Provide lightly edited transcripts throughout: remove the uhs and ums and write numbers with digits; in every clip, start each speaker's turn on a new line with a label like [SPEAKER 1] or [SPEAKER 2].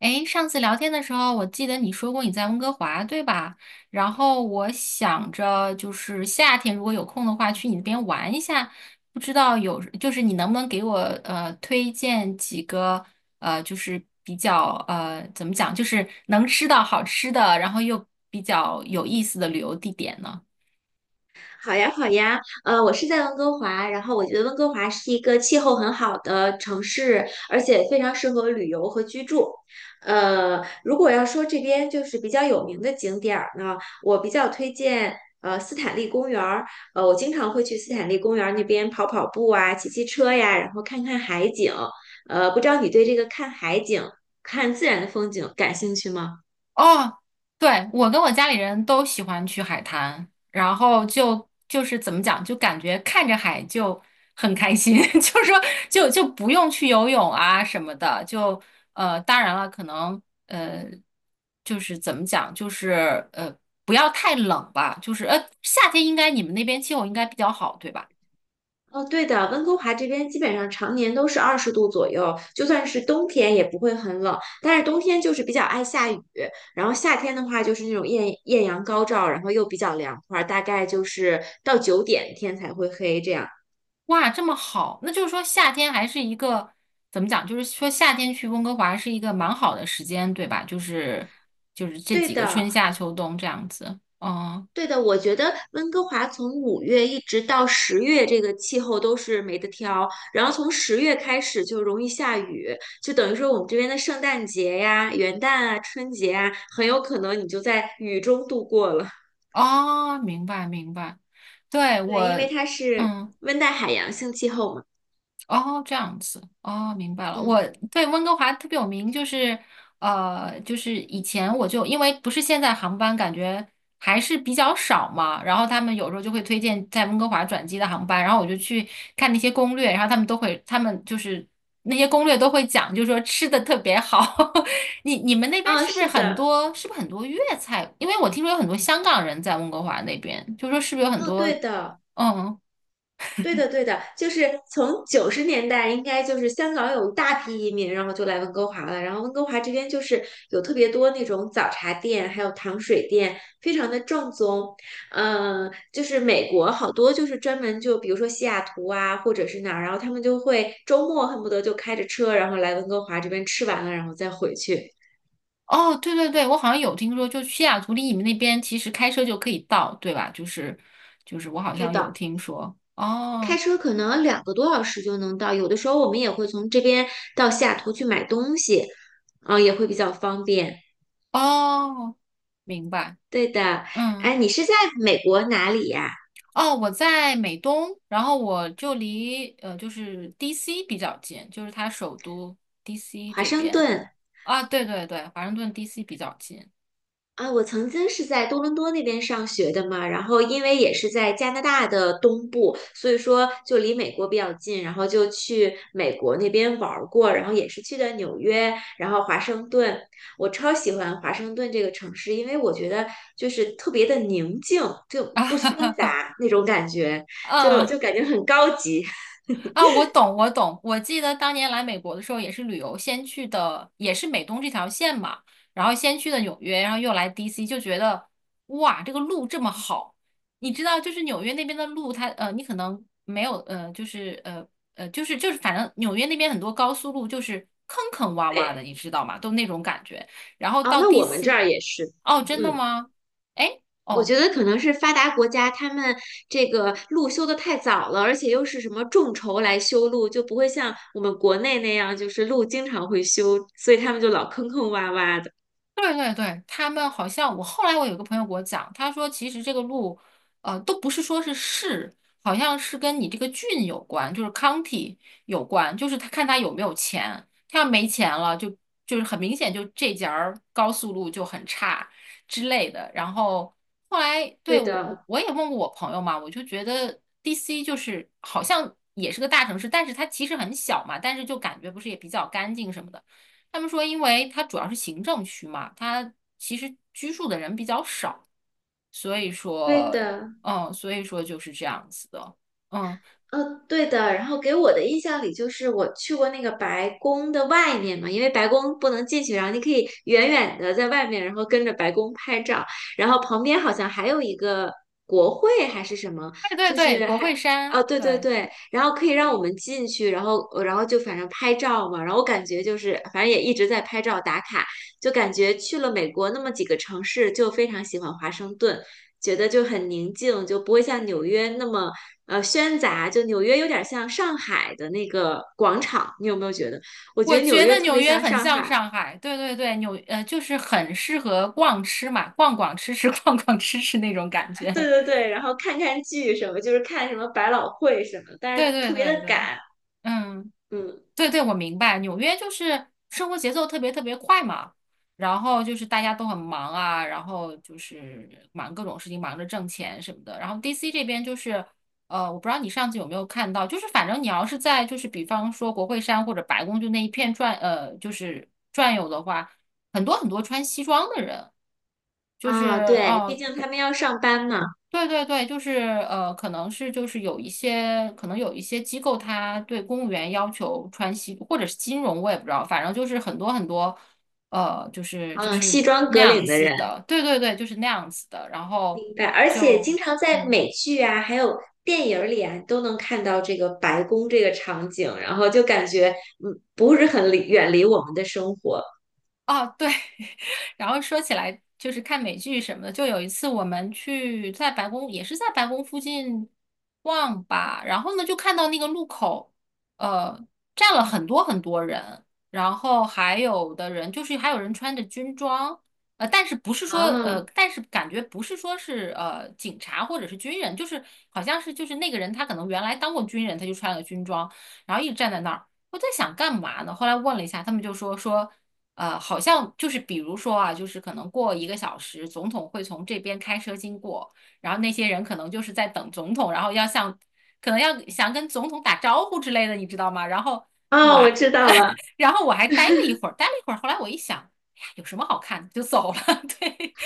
[SPEAKER 1] 诶，上次聊天的时候，我记得你说过你在温哥华，对吧？然后我想着就是夏天如果有空的话，去你那边玩一下。不知道有，就是你能不能给我推荐几个就是比较怎么讲，就是能吃到好吃的，然后又比较有意思的旅游地点呢？
[SPEAKER 2] 好呀，好呀，我是在温哥华，然后我觉得温哥华是一个气候很好的城市，而且非常适合旅游和居住。如果要说这边就是比较有名的景点儿呢，我比较推荐斯坦利公园儿，我经常会去斯坦利公园儿那边跑跑步啊，骑骑车呀，然后看看海景。不知道你对这个看海景、看自然的风景感兴趣吗？
[SPEAKER 1] 哦，对，我跟我家里人都喜欢去海滩，然后就是怎么讲，就感觉看着海就很开心，就是说就不用去游泳啊什么的，就当然了，可能呃，就是怎么讲，就是不要太冷吧，就是夏天应该你们那边气候应该比较好，对吧？
[SPEAKER 2] 哦，对的，温哥华这边基本上常年都是20度左右，就算是冬天也不会很冷，但是冬天就是比较爱下雨，然后夏天的话就是那种艳艳阳高照，然后又比较凉快儿大概就是到9点天才会黑这样。
[SPEAKER 1] 哇，这么好，那就是说夏天还是一个怎么讲？就是说夏天去温哥华是一个蛮好的时间，对吧？就是这
[SPEAKER 2] 对
[SPEAKER 1] 几个
[SPEAKER 2] 的，
[SPEAKER 1] 春夏秋冬这样子。嗯，
[SPEAKER 2] 对的，我觉得温哥华从5月一直到十月，这个气候都是没得挑。然后从十月开始就容易下雨，就等于说我们这边的圣诞节呀、元旦啊、春节啊，很有可能你就在雨中度过了。
[SPEAKER 1] 哦，明白明白。对，我，
[SPEAKER 2] 对，因为它是
[SPEAKER 1] 嗯。
[SPEAKER 2] 温带海洋性气候嘛。
[SPEAKER 1] 哦，这样子，哦，明白了。
[SPEAKER 2] 嗯，
[SPEAKER 1] 我对温哥华特别有名，就是就是以前我就因为不是现在航班感觉还是比较少嘛，然后他们有时候就会推荐在温哥华转机的航班，然后我就去看那些攻略，然后他们都会，他们就是那些攻略都会讲，就是说吃的特别好。你们那边
[SPEAKER 2] 哦，
[SPEAKER 1] 是不是
[SPEAKER 2] 是
[SPEAKER 1] 很
[SPEAKER 2] 的，
[SPEAKER 1] 多？是不是很多粤菜？因为我听说有很多香港人在温哥华那边，就说是不是有很
[SPEAKER 2] 哦，
[SPEAKER 1] 多？
[SPEAKER 2] 对的。
[SPEAKER 1] 嗯。
[SPEAKER 2] 对的，对的，就是从90年代，应该就是香港有一大批移民，然后就来温哥华了。然后温哥华这边就是有特别多那种早茶店，还有糖水店，非常的正宗。就是美国好多就是专门就比如说西雅图啊，或者是哪儿，然后他们就会周末恨不得就开着车，然后来温哥华这边吃完了，然后再回去。
[SPEAKER 1] 哦，对对对，我好像有听说，就西雅图离你们那边其实开车就可以到，对吧？就是我好
[SPEAKER 2] 对
[SPEAKER 1] 像有
[SPEAKER 2] 的，
[SPEAKER 1] 听说。
[SPEAKER 2] 开
[SPEAKER 1] 哦
[SPEAKER 2] 车可能2个多小时就能到，有的时候我们也会从这边到西雅图去买东西，也会比较方便。
[SPEAKER 1] 哦，明白。
[SPEAKER 2] 对的，哎，
[SPEAKER 1] 嗯，
[SPEAKER 2] 你是在美国哪里呀？
[SPEAKER 1] 哦，我在美东，然后我就离就是 DC 比较近，就是它首都 DC
[SPEAKER 2] 华
[SPEAKER 1] 这
[SPEAKER 2] 盛
[SPEAKER 1] 边。
[SPEAKER 2] 顿
[SPEAKER 1] 啊，对对对，华盛顿 DC 比较近。
[SPEAKER 2] 啊，我曾经是在多伦多那边上学的嘛，然后因为也是在加拿大的东部，所以说就离美国比较近，然后就去美国那边玩儿过，然后也是去的纽约，然后华盛顿，我超喜欢华盛顿这个城市，因为我觉得就是特别的宁静，就
[SPEAKER 1] 啊，
[SPEAKER 2] 不
[SPEAKER 1] 哈
[SPEAKER 2] 喧
[SPEAKER 1] 哈，
[SPEAKER 2] 杂那种感觉，就感觉很高级。
[SPEAKER 1] 啊，我懂，我懂。我记得当年来美国的时候，也是旅游，先去的也是美东这条线嘛，然后先去的纽约，然后又来 DC，就觉得哇，这个路这么好。你知道，就是纽约那边的路它，你可能没有，就是，反正纽约那边很多高速路就是坑坑洼洼的，
[SPEAKER 2] 对，
[SPEAKER 1] 你知道吗？都那种感觉。然后
[SPEAKER 2] 哦，
[SPEAKER 1] 到
[SPEAKER 2] 那我们这
[SPEAKER 1] DC，
[SPEAKER 2] 儿也是，
[SPEAKER 1] 哦，真的
[SPEAKER 2] 嗯。
[SPEAKER 1] 吗？哎。
[SPEAKER 2] 我
[SPEAKER 1] 哦，
[SPEAKER 2] 觉得可能是发达国家他们这个路修得太早了，而且又是什么众筹来修路，就不会像我们国内那样，就是路经常会修，所以他们就老坑坑洼洼的。
[SPEAKER 1] 对对对，他们好像我后来我有个朋友给我讲，他说其实这个路，都不是说是市，好像是跟你这个郡有关，就是 county 有关，就是他看他有没有钱，他要没钱了，就是很明显就这节儿高速路就很差之类的。然后后来，对，
[SPEAKER 2] 对
[SPEAKER 1] 我我
[SPEAKER 2] 的，
[SPEAKER 1] 我也问过我朋友嘛，我就觉得 DC 就是好像也是个大城市，但是它其实很小嘛，但是就感觉不是也比较干净什么的。他们说，因为它主要是行政区嘛，它其实居住的人比较少，所以
[SPEAKER 2] 对
[SPEAKER 1] 说，
[SPEAKER 2] 的。
[SPEAKER 1] 所以说就是这样子的，嗯，
[SPEAKER 2] 对的，然后给我的印象里就是我去过那个白宫的外面嘛，因为白宫不能进去，然后你可以远远的在外面，然后跟着白宫拍照，然后旁边好像还有一个国会还是什么，
[SPEAKER 1] 对对
[SPEAKER 2] 就
[SPEAKER 1] 对，
[SPEAKER 2] 是
[SPEAKER 1] 国
[SPEAKER 2] 还，
[SPEAKER 1] 会山，
[SPEAKER 2] 哦，对对
[SPEAKER 1] 对，
[SPEAKER 2] 对，然后可以让我们进去，然后就反正拍照嘛，然后我感觉就是反正也一直在拍照打卡，就感觉去了美国那么几个城市，就非常喜欢华盛顿。觉得就很宁静，就不会像纽约那么喧杂，就纽约有点像上海的那个广场，你有没有觉得？我
[SPEAKER 1] 我
[SPEAKER 2] 觉得纽
[SPEAKER 1] 觉得
[SPEAKER 2] 约特
[SPEAKER 1] 纽
[SPEAKER 2] 别
[SPEAKER 1] 约
[SPEAKER 2] 像
[SPEAKER 1] 很
[SPEAKER 2] 上
[SPEAKER 1] 像
[SPEAKER 2] 海，
[SPEAKER 1] 上海，对对对，就是很适合逛吃嘛，逛逛吃吃，逛逛吃吃那种感觉，
[SPEAKER 2] 对对对，然后看看剧什么，就是看什么百老汇什么，但
[SPEAKER 1] 对
[SPEAKER 2] 是
[SPEAKER 1] 对
[SPEAKER 2] 特别的
[SPEAKER 1] 对对，
[SPEAKER 2] 赶，
[SPEAKER 1] 嗯。
[SPEAKER 2] 嗯
[SPEAKER 1] 对对，我明白，纽约就是生活节奏特别特别快嘛，然后就是大家都很忙啊，然后就是忙各种事情，忙着挣钱什么的。然后 DC 这边就是，我不知道你上次有没有看到，就是反正你要是在就是比方说国会山或者白宫就那一片转，就是转悠的话，很多很多穿西装的人。就是
[SPEAKER 2] 啊，对，毕
[SPEAKER 1] 哦，
[SPEAKER 2] 竟他们要上班嘛，
[SPEAKER 1] 对对对，就是可能是就是有一些，可能有一些机构，它对公务员要求穿西，或者是金融，我也不知道，反正就是很多很多，就是就
[SPEAKER 2] 嗯，
[SPEAKER 1] 是
[SPEAKER 2] 西装
[SPEAKER 1] 那
[SPEAKER 2] 革
[SPEAKER 1] 样
[SPEAKER 2] 领的
[SPEAKER 1] 子
[SPEAKER 2] 人，
[SPEAKER 1] 的，对对对，就是那样子的，然后
[SPEAKER 2] 明白。而且经
[SPEAKER 1] 就
[SPEAKER 2] 常在
[SPEAKER 1] 嗯。
[SPEAKER 2] 美剧啊，还有电影儿里啊，都能看到这个白宫这个场景，然后就感觉不是很远离我们的生活
[SPEAKER 1] 哦对，然后说起来就是看美剧什么的，就有一次我们去在白宫，也是在白宫附近逛吧，然后呢就看到那个路口，呃，站了很多很多人，然后还有的人就是还有人穿着军装，但是不是说
[SPEAKER 2] 啊。
[SPEAKER 1] 但是感觉不是说是警察或者是军人，就是好像是就是那个人他可能原来当过军人，他就穿了个军装，然后一直站在那儿。我在想干嘛呢？后来问了一下，他们就说说，好像就是比如说啊，就是可能过一个小时，总统会从这边开车经过，然后那些人可能就是在等总统，然后要向，可能要想跟总统打招呼之类的，你知道吗？然后我
[SPEAKER 2] 哦，我
[SPEAKER 1] 还，
[SPEAKER 2] 知道了。
[SPEAKER 1] 然后我还待了一会儿，待了一会儿，后来我一想，哎呀，有什么好看的，就走了。对，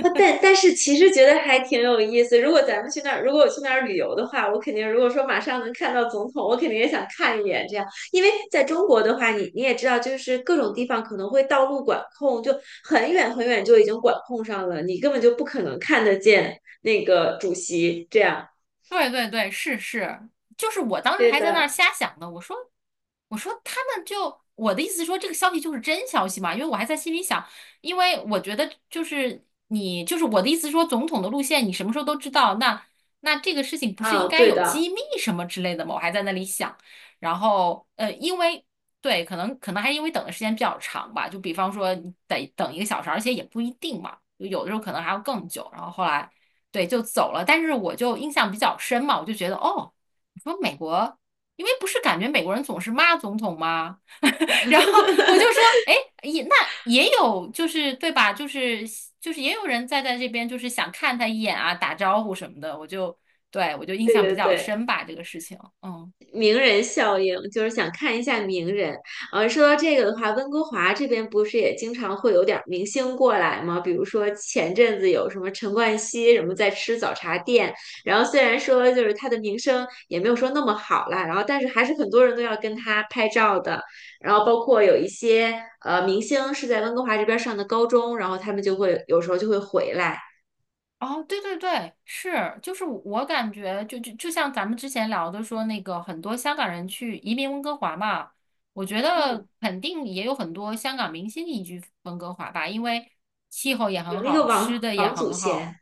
[SPEAKER 2] 哦，但是其实觉得还挺有意思。如果咱们去那儿，如果我去那儿旅游的话，我肯定如果说马上能看到总统，我肯定也想看一眼这样。因为在中国的话，你也知道，就是各种地方可能会道路管控，就很远很远就已经管控上了，你根本就不可能看得见那个主席这样。
[SPEAKER 1] 对对对，是是，就是我当时
[SPEAKER 2] 对
[SPEAKER 1] 还在那儿
[SPEAKER 2] 的，
[SPEAKER 1] 瞎想呢，我说他们就我的意思是说这个消息就是真消息嘛，因为我还在心里想，因为我觉得就是你就是我的意思是说总统的路线你什么时候都知道，那这个事情不是应
[SPEAKER 2] 啊，
[SPEAKER 1] 该
[SPEAKER 2] 对
[SPEAKER 1] 有
[SPEAKER 2] 的，
[SPEAKER 1] 机密什么之类的吗？我还在那里想，然后因为对，可能还因为等的时间比较长吧，就比方说你得等一个小时，而且也不一定嘛，就有的时候可能还要更久，然后后来。对，就走了。但是我就印象比较深嘛，我就觉得哦，你说美国，因为不是感觉美国人总是骂总统吗？然后我就说，哎，也那也有就是对吧？就是也有人在这边就是想看他一眼啊，打招呼什么的。我就对我就印
[SPEAKER 2] 对
[SPEAKER 1] 象
[SPEAKER 2] 对
[SPEAKER 1] 比较
[SPEAKER 2] 对。
[SPEAKER 1] 深吧，这个事情，嗯。
[SPEAKER 2] 名人效应，就是想看一下名人。说到这个的话，温哥华这边不是也经常会有点儿明星过来吗？比如说前阵子有什么陈冠希什么在吃早茶店，然后虽然说就是他的名声也没有说那么好啦，然后但是还是很多人都要跟他拍照的。然后包括有一些明星是在温哥华这边上的高中，然后他们就会有时候就会回来。
[SPEAKER 1] 哦，对对对，是，就是我感觉就像咱们之前聊的说，那个很多香港人去移民温哥华嘛，我觉得
[SPEAKER 2] 嗯，
[SPEAKER 1] 肯定也有很多香港明星移居温哥华吧，因为气候也
[SPEAKER 2] 有
[SPEAKER 1] 很
[SPEAKER 2] 那
[SPEAKER 1] 好，
[SPEAKER 2] 个
[SPEAKER 1] 吃
[SPEAKER 2] 王
[SPEAKER 1] 的也
[SPEAKER 2] 王祖
[SPEAKER 1] 很好。
[SPEAKER 2] 贤，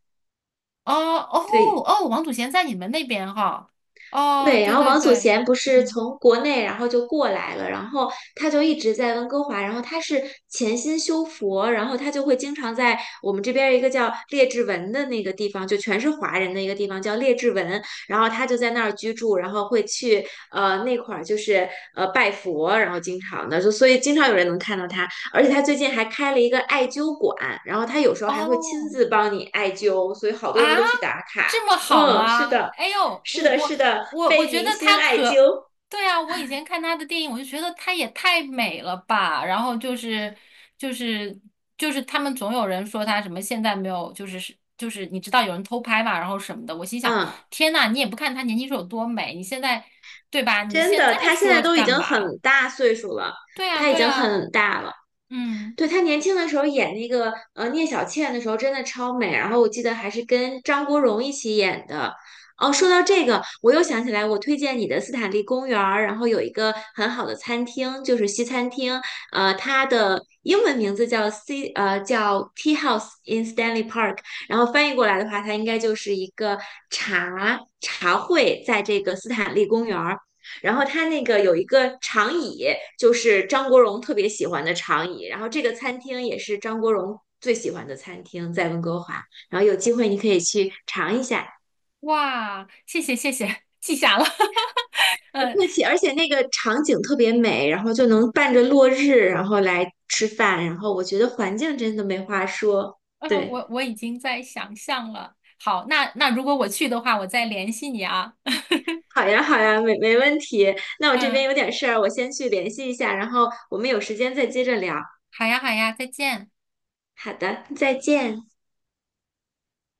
[SPEAKER 1] 哦哦
[SPEAKER 2] 对。
[SPEAKER 1] 哦，王祖贤在你们那边哈。哦，
[SPEAKER 2] 对，然
[SPEAKER 1] 对
[SPEAKER 2] 后
[SPEAKER 1] 对
[SPEAKER 2] 王祖
[SPEAKER 1] 对，
[SPEAKER 2] 贤不是
[SPEAKER 1] 嗯，
[SPEAKER 2] 从国内，然后就过来了，然后他就一直在温哥华，然后他是潜心修佛，然后他就会经常在我们这边儿一个叫列治文的那个地方，就全是华人的一个地方叫列治文，然后他就在那儿居住，然后会去那块儿就是拜佛，然后经常的就所以经常有人能看到他，而且他最近还开了一个艾灸馆，然后他有时候还会亲
[SPEAKER 1] 哦。
[SPEAKER 2] 自帮你艾灸，所以好
[SPEAKER 1] 啊，
[SPEAKER 2] 多人都去打卡。
[SPEAKER 1] 这么好
[SPEAKER 2] 嗯，是
[SPEAKER 1] 吗？
[SPEAKER 2] 的。
[SPEAKER 1] 哎呦，
[SPEAKER 2] 是
[SPEAKER 1] 我
[SPEAKER 2] 的，
[SPEAKER 1] 我
[SPEAKER 2] 是的，
[SPEAKER 1] 我我
[SPEAKER 2] 被
[SPEAKER 1] 觉得
[SPEAKER 2] 明星
[SPEAKER 1] 她
[SPEAKER 2] 艾
[SPEAKER 1] 可，
[SPEAKER 2] 灸。
[SPEAKER 1] 对啊，我以前看她的电影，我就觉得她也太美了吧。然后就是就是他们总有人说她什么现在没有，就是你知道有人偷拍嘛，然后什么的。我心想，
[SPEAKER 2] 嗯，
[SPEAKER 1] 天呐，你也不看她年轻时候有多美，你现在对吧？你
[SPEAKER 2] 真
[SPEAKER 1] 现
[SPEAKER 2] 的，
[SPEAKER 1] 在
[SPEAKER 2] 他现在
[SPEAKER 1] 说
[SPEAKER 2] 都已
[SPEAKER 1] 干
[SPEAKER 2] 经很
[SPEAKER 1] 嘛？
[SPEAKER 2] 大岁数了，
[SPEAKER 1] 对啊，
[SPEAKER 2] 他已
[SPEAKER 1] 对
[SPEAKER 2] 经
[SPEAKER 1] 啊，
[SPEAKER 2] 很大了。
[SPEAKER 1] 嗯，
[SPEAKER 2] 对，她年轻的时候演那个聂小倩的时候真的超美，然后我记得还是跟张国荣一起演的。哦，说到这个，我又想起来，我推荐你的斯坦利公园儿，然后有一个很好的餐厅，就是西餐厅，它的英文名字叫 Tea House in Stanley Park，然后翻译过来的话，它应该就是一个茶会，在这个斯坦利公园儿。然后它那个有一个长椅，就是张国荣特别喜欢的长椅。然后这个餐厅也是张国荣最喜欢的餐厅，在温哥华。然后有机会你可以去尝一下，
[SPEAKER 1] 哇，谢谢谢谢，记下了。
[SPEAKER 2] 不 客气。而且那个场景特别美，然后就能伴着落日，然后来吃饭。然后我觉得环境真的没话说，
[SPEAKER 1] 嗯，我
[SPEAKER 2] 对。
[SPEAKER 1] 我已经在想象了。好，那如果我去的话，我再联系你啊。
[SPEAKER 2] 好呀，好呀，没问题。那我这边
[SPEAKER 1] 嗯，
[SPEAKER 2] 有点事儿，我先去联系一下，然后我们有时间再接着聊。
[SPEAKER 1] 好呀好呀，再见。
[SPEAKER 2] 好的，再见。